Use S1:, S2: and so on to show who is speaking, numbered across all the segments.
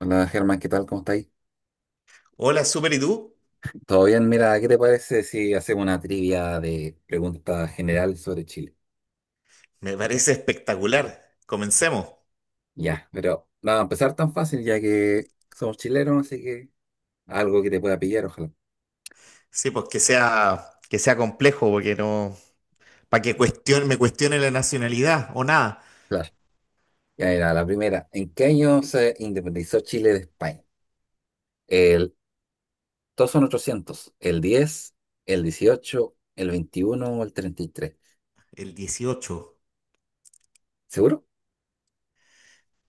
S1: Hola Germán, ¿qué tal? ¿Cómo estáis?
S2: Hola, Super, ¿y tú?
S1: ¿Todo bien? Mira, ¿qué te parece si hacemos una trivia de preguntas general sobre Chile?
S2: Me parece espectacular. Comencemos.
S1: Ya, pero nada, empezar tan fácil ya que somos chilenos, así que algo que te pueda pillar, ojalá.
S2: Sí, pues que sea complejo, porque no. Para que me cuestione la nacionalidad o nada.
S1: Claro. Ya mira, la primera. ¿En qué año se independizó Chile de España? El, Todos son 800. ¿El 10, el 18, el 21 o el treinta y tres?
S2: El dieciocho.
S1: ¿Seguro?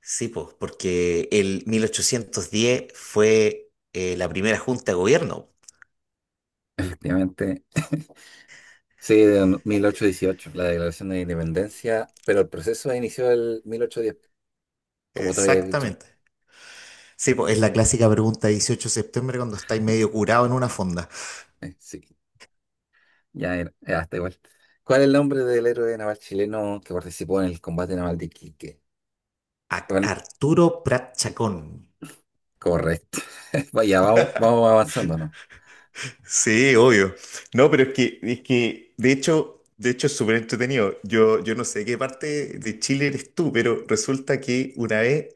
S2: Sí, pues, porque el 1810 fue la primera junta de gobierno.
S1: Efectivamente. Sí, de 1818, la declaración de independencia, pero el proceso inició el 1810, como te había dicho.
S2: Exactamente. Sí, pues es la clásica pregunta de 18 de septiembre cuando estáis medio curado en una fonda.
S1: Sí, ya era, ya está igual. ¿Cuál es el nombre del héroe naval chileno que participó en el combate naval de Iquique? Bueno,
S2: Arturo Prat Chacón.
S1: correcto. Vaya, vamos, vamos avanzando, ¿no?
S2: Sí, obvio. No, pero es que de hecho es súper entretenido. Yo no sé qué parte de Chile eres tú, pero resulta que una vez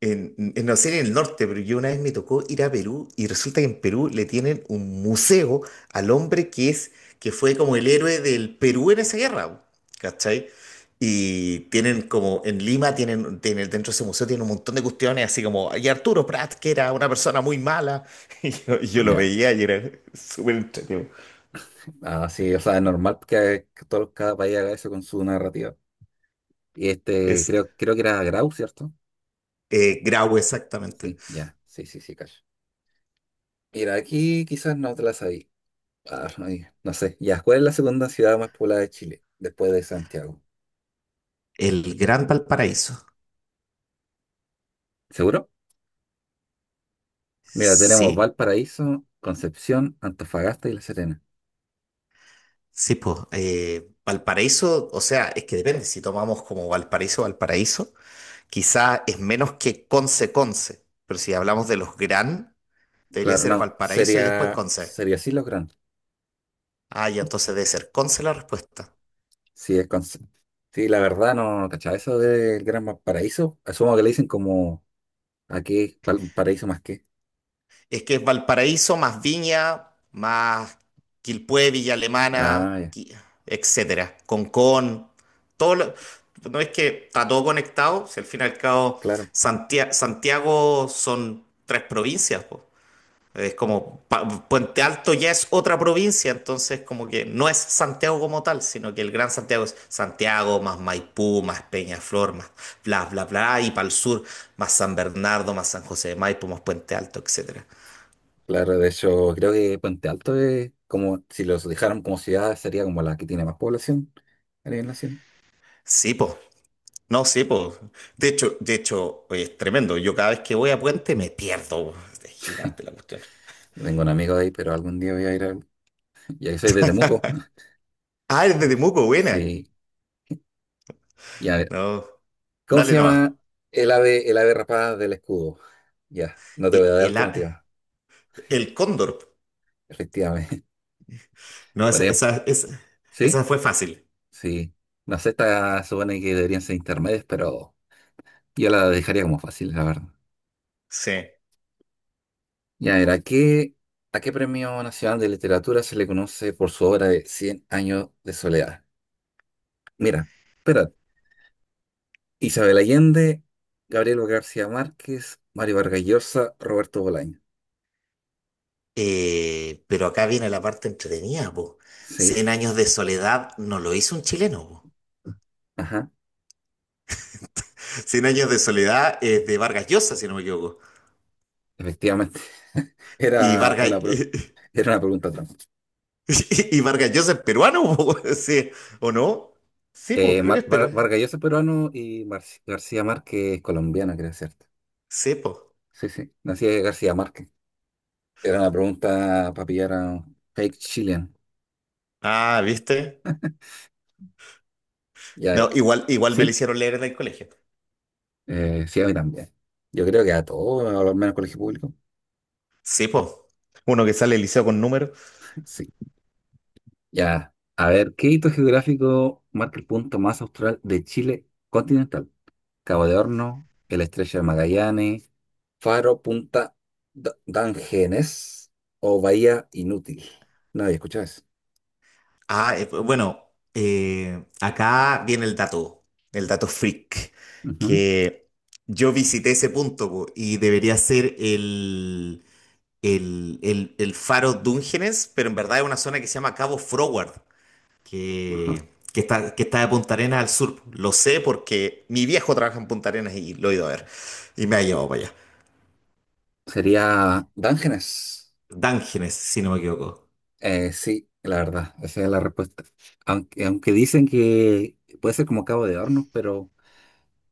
S2: no sé, en el norte, pero yo una vez me tocó ir a Perú, y resulta que en Perú le tienen un museo al hombre que fue como el héroe del Perú en esa guerra, ¿cachai? Y tienen como, en Lima tienen dentro de ese museo tienen un montón de cuestiones, así como, y Arturo Prat, que era una persona muy mala. Y yo lo
S1: Ya.
S2: veía y era súper entretenido.
S1: Así, o sea, es normal que todo, cada país haga eso con su narrativa. Y este,
S2: Es
S1: creo que era Grau, ¿cierto?
S2: Grau, exactamente.
S1: Sí, ya. Sí, sí, sí, cacho. Mira, aquí quizás no te la sabí. Ah, ay, no sé. Ya, ¿cuál es la segunda ciudad más poblada de Chile después de Santiago?
S2: El Gran Valparaíso.
S1: ¿Seguro? Mira, tenemos
S2: Sí.
S1: Valparaíso, Concepción, Antofagasta y La Serena.
S2: Sí, pues, Valparaíso, o sea, es que depende. Si tomamos como Valparaíso, Valparaíso, quizá es menos que Conce, Conce, pero si hablamos de los Gran, debería
S1: Claro,
S2: ser
S1: no,
S2: Valparaíso y después
S1: sería,
S2: Conce.
S1: sería así los Gran.
S2: Ah, ya, entonces debe ser Conce la respuesta.
S1: Sí, es sí, la verdad no, no eso del Gran Valparaíso. Asumo que le dicen como aquí, paraíso más que.
S2: Es que es Valparaíso más Viña, más Quilpué, Villa Alemana,
S1: Ah, ya,
S2: etcétera, Concón, todo lo- no, es que está todo conectado, si al fin y al cabo
S1: claro,
S2: Santiago son tres provincias. Es como Puente Alto ya es otra provincia, entonces como que no es Santiago como tal, sino que el Gran Santiago es Santiago más Maipú, más Peñaflor, más bla bla bla, y para el sur más San Bernardo, más San José de Maipo, más Puente Alto, etcétera.
S1: claro. De hecho, creo que Puente Alto es como, si los dejaron como ciudad, sería como la que tiene más población a nivel nacional.
S2: Sí, po. No, sí, po. De hecho, oye, es tremendo. Yo cada vez que voy a Puente me pierdo, po. Es gigante la cuestión.
S1: Yo tengo un amigo de ahí, pero algún día voy a ir a... Y ahí soy de Temuco.
S2: Ah, es de Temuco, buena.
S1: Sí, ya.
S2: No,
S1: ¿Cómo se
S2: dale nomás.
S1: llama el ave rapada del escudo? Ya, no te voy
S2: E-
S1: a dar
S2: El, a-
S1: alternativa,
S2: el cóndor.
S1: efectivamente.
S2: No,
S1: Por
S2: esa,
S1: ejemplo,
S2: esa, esa,
S1: ¿sí?
S2: esa fue fácil.
S1: Sí. No sé, esta supone que deberían ser intermedias, pero yo la dejaría como fácil, la verdad.
S2: Sí.
S1: Ya, a qué Premio Nacional de Literatura se le conoce por su obra de Cien años de soledad? Mira, espera, Isabel Allende, Gabriel García Márquez, Mario Vargas Llosa, Roberto Bolaño.
S2: Pero acá viene la parte entretenida, po.
S1: Sí,
S2: Cien años de soledad no lo hizo un chileno, po.
S1: ajá.
S2: Cien años de soledad es de Vargas Llosa, si no me equivoco.
S1: Efectivamente,
S2: Y
S1: era
S2: Vargas,
S1: una, pro- era una pregunta trampa.
S2: y Vargas Llosa es peruano, po. Sí, ¿o no? Sí, po, creo que es peruano.
S1: Vargas Llosa es peruano y García Márquez es colombiano, creo, ¿cierto?
S2: Sí, po.
S1: Sí, sí, nací de García Márquez. Era una pregunta para pillar a un fake chilean.
S2: Ah, ¿viste?
S1: Ya
S2: No,
S1: era.
S2: igual me lo
S1: Sí,
S2: hicieron leer en el colegio.
S1: sí, a mí también. Yo creo que a todos, al menos colegio público.
S2: Sí, po. Uno que sale del liceo con números.
S1: Sí, ya. A ver, ¿qué hito geográfico marca el punto más austral de Chile continental? Cabo de Horno, el Estrecho de Magallanes, Faro, Punta Dangenes o Bahía Inútil. No había escuchado eso.
S2: Ah, bueno, acá viene el dato, freak,
S1: Ujú,
S2: que yo visité ese punto, po, y debería ser el faro Dungeness, pero en verdad es una zona que se llama Cabo Froward,
S1: ajá.
S2: que, que está de Punta Arenas al sur. Lo sé porque mi viejo trabaja en Punta Arenas y lo he ido a ver y me ha llevado para allá.
S1: Sería Dangenes.
S2: Dungeness, si no me equivoco.
S1: Sí, la verdad, esa es la respuesta. Aunque dicen que puede ser como Cabo de Hornos, pero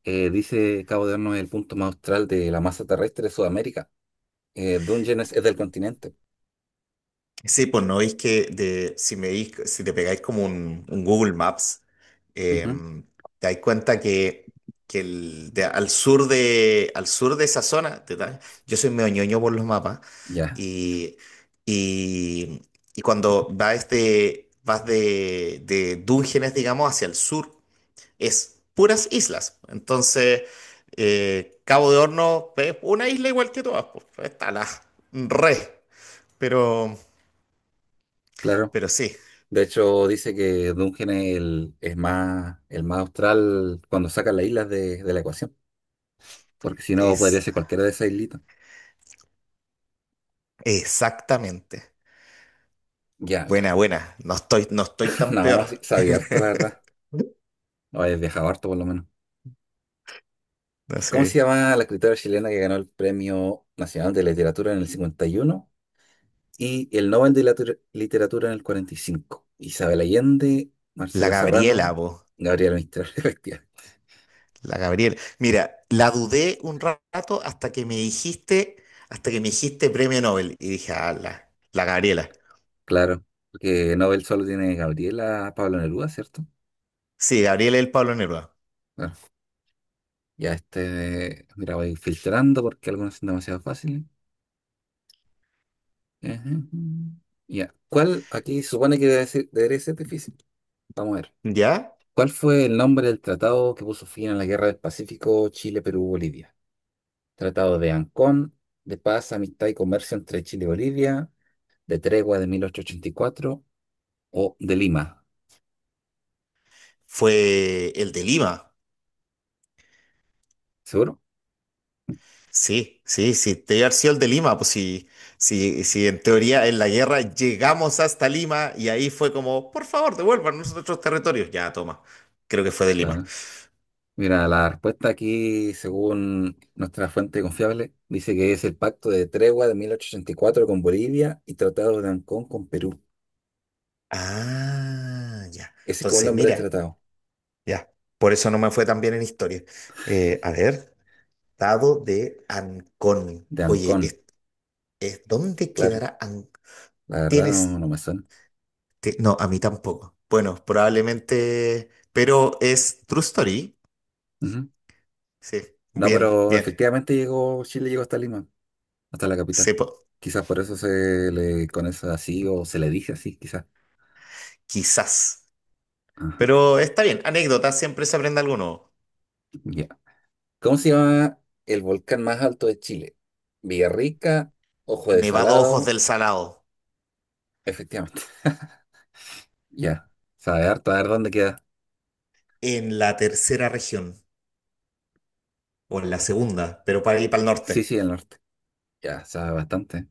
S1: dice Cabo de Hornos es el punto más austral de la masa terrestre de Sudamérica. Dungeness es del continente.
S2: Sí, pues no veis que de, si me dis- si te pegáis como un Google Maps,
S1: Ujú,
S2: em, te dais cuenta que al sur de esa zona, yo soy medio ñoño por los mapas,
S1: ya,
S2: y, y, y cuando vas de Dungeones, digamos, hacia el sur, es puras islas. Entonces, Cabo de Horno es una isla igual que todas, pues, re, pero...
S1: claro.
S2: Pero sí.
S1: De hecho, dice que Dungeon es, el, es más, el más austral cuando saca las islas de la ecuación, porque si no podría
S2: Es
S1: ser cualquiera de esas islitas.
S2: Exactamente.
S1: Ya, mira.
S2: Buena, buena. No estoy tan peor.
S1: No, sí, sabía harto, la verdad. O he viajado harto, por lo menos.
S2: No
S1: ¿Y cómo
S2: sé.
S1: se llama la escritora chilena que ganó el Premio Nacional de Literatura en el 51 y uno y el Nobel de Literatura en el 45? Isabel Allende,
S2: La
S1: Marcela
S2: Gabriela,
S1: Serrano,
S2: vos.
S1: Gabriela Mistral, efectivamente.
S2: La Gabriela. Mira, la dudé un rato hasta que me dijiste premio Nobel. Y dije, ah, la Gabriela.
S1: Claro, porque Nobel solo tiene Gabriela Pablo Neruda, ¿cierto?
S2: Sí, Gabriela y el Pablo Neruda.
S1: Ya este, mira, voy filtrando porque algunos son demasiado fáciles. Ajá. Ya, ¿cuál aquí se supone que debe ser, debería ser difícil? Vamos a ver.
S2: ¿Ya?
S1: ¿Cuál fue el nombre del tratado que puso fin a la Guerra del Pacífico Chile-Perú-Bolivia? Tratado de Ancón, de paz, amistad y comercio entre Chile y Bolivia, de tregua de 1884 o de Lima.
S2: Fue el de Lima.
S1: ¿Seguro?
S2: Sí, sí, sí, te haber sido el de Lima, pues sí, sí, sí, en teoría en la guerra llegamos hasta Lima y ahí fue como, por favor, devuélvanos nuestros territorios. Ya, toma, creo que fue de Lima.
S1: Claro. Mira, la respuesta aquí, según nuestra fuente confiable, dice que es el Pacto de Tregua de 1884 con Bolivia y Tratado de Ancón con Perú.
S2: Ah, ya.
S1: Ese es como el
S2: Entonces,
S1: nombre del
S2: mira,
S1: tratado,
S2: ya, por eso no me fue tan bien en historia. A ver, estado de Ancón.
S1: de
S2: Oye,
S1: Ancón,
S2: ¿dónde
S1: claro.
S2: quedará Ancón?
S1: La verdad no,
S2: Tienes...
S1: no me suena.
S2: No, a mí tampoco. Bueno, probablemente, pero es True Story.
S1: Ujú.
S2: Sí,
S1: No,
S2: bien,
S1: pero
S2: bien.
S1: efectivamente llegó, Chile llegó hasta Lima, hasta la capital.
S2: Se po-
S1: Quizás por eso se le conoce así o se le dice así, quizás.
S2: Quizás.
S1: Ajá,
S2: Pero está bien, anécdota, siempre se aprende algo nuevo.
S1: ya. ¿Cómo se llama el volcán más alto de Chile? Villarrica, Ojo de
S2: Nevado Ojos
S1: Salado,
S2: del Salado,
S1: efectivamente. Ya, sabe harto, a ver dónde queda.
S2: en la tercera región, o en la segunda, pero para ir para el
S1: Sí,
S2: norte.
S1: sí, el norte. Ya, sabe bastante.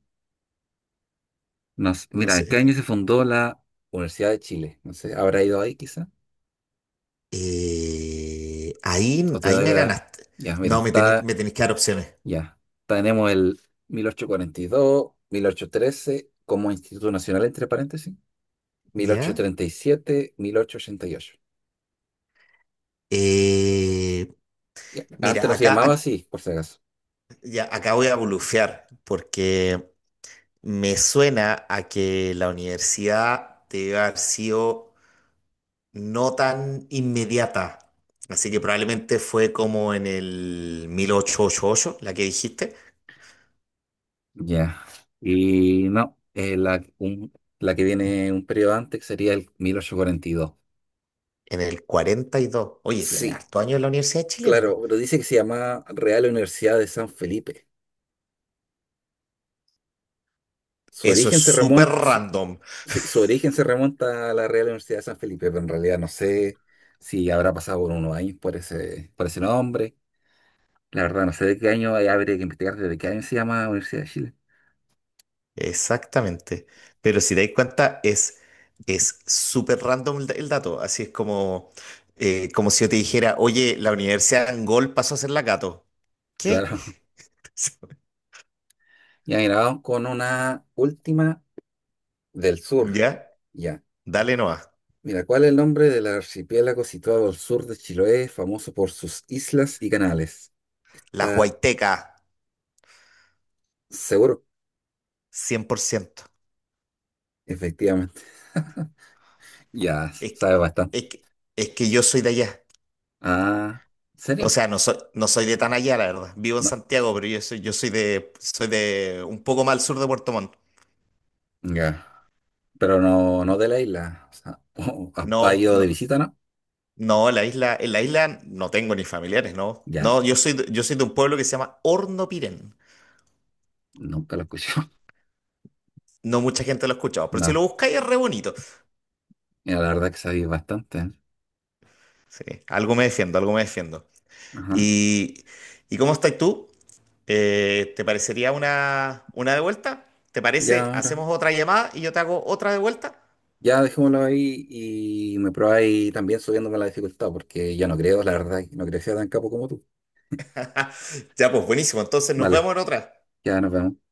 S1: No sé,
S2: No
S1: mira, ¿en qué
S2: sé.
S1: año se fundó la Universidad de Chile? No sé, ¿habrá ido ahí quizá?
S2: Eh, ahí,
S1: ¿O te
S2: ahí
S1: doy
S2: me
S1: la...?
S2: ganaste.
S1: Ya, mira,
S2: No,
S1: está...
S2: me tenéis que dar opciones.
S1: Ya, tenemos el mil ochocientos cuarenta y dos, 1813 como Instituto Nacional (entre paréntesis), mil ochocientos
S2: ¿Ya?
S1: treinta y siete, 1888.
S2: Eh,
S1: Ya, antes
S2: Mira,
S1: no se llamaba así, por si acaso.
S2: ya, acá voy a bulufear, porque me suena a que la universidad debe haber sido no tan inmediata. Así que probablemente fue como en el mil ochocientos ochenta y ocho, la que dijiste,
S1: Ya. Y no, la que viene un periodo antes sería el 1842.
S2: en el 42. Oye, tiene
S1: Sí,
S2: harto años en la Universidad de Chile, weón.
S1: claro, pero dice que se llama Real Universidad de San Felipe. Su
S2: Eso es
S1: origen se
S2: súper
S1: remonta, su,
S2: random.
S1: sí, su origen se remonta a la Real Universidad de San Felipe, pero en realidad no sé si habrá pasado por unos años por ese nombre. La verdad, no sé de qué año, ahí habría que investigar desde qué año se llama Universidad de Chile.
S2: Exactamente. Pero si te das cuenta, es súper random el dato. Así es como, como si yo te dijera, oye, la Universidad de Angol pasó a ser la Cato. ¿Qué?
S1: Claro. Ya, mira, vamos con una última del sur.
S2: ¿Ya?
S1: Ya.
S2: Dale Noah.
S1: Mira, ¿cuál es el nombre del archipiélago situado al sur de Chiloé, famoso por sus islas y canales?
S2: Las
S1: Está
S2: Huaytecas,
S1: seguro.
S2: 100%.
S1: Efectivamente. Ya,
S2: Es que,
S1: sabe
S2: es
S1: bastante.
S2: que, es que yo soy de allá.
S1: Ah, ¿en
S2: O
S1: serio?
S2: sea, no soy de tan allá, la verdad. Vivo en
S1: No,
S2: Santiago, pero soy de un poco más al sur de Puerto Montt.
S1: ya. Pero no, no de la isla. O sea, ¿ha, ha
S2: No,
S1: ido de
S2: no,
S1: visita, no?
S2: no, en la isla no tengo ni familiares, no.
S1: Ya,
S2: No, yo soy de un pueblo que se llama Hornopiren.
S1: nunca lo escuché.
S2: No mucha gente lo ha escuchado, pero si
S1: No,
S2: lo buscáis es re bonito.
S1: mira, la verdad que sabéis bastante, ¿eh?
S2: Sí, algo me defiendo, algo me defiendo.
S1: Ajá.
S2: ¿Y, y ¿cómo estás tú? ¿Te parecería una de vuelta? ¿Te
S1: Ya,
S2: parece?
S1: ahora.
S2: Hacemos otra llamada y yo te hago otra de vuelta.
S1: Ya dejémoslo ahí y me probáis también subiéndome la dificultad, porque ya no creo, la verdad, no creo que sea tan capo como tú.
S2: Ya, pues buenísimo. Entonces nos
S1: Vale,
S2: vemos en otra.
S1: ya nos vemos.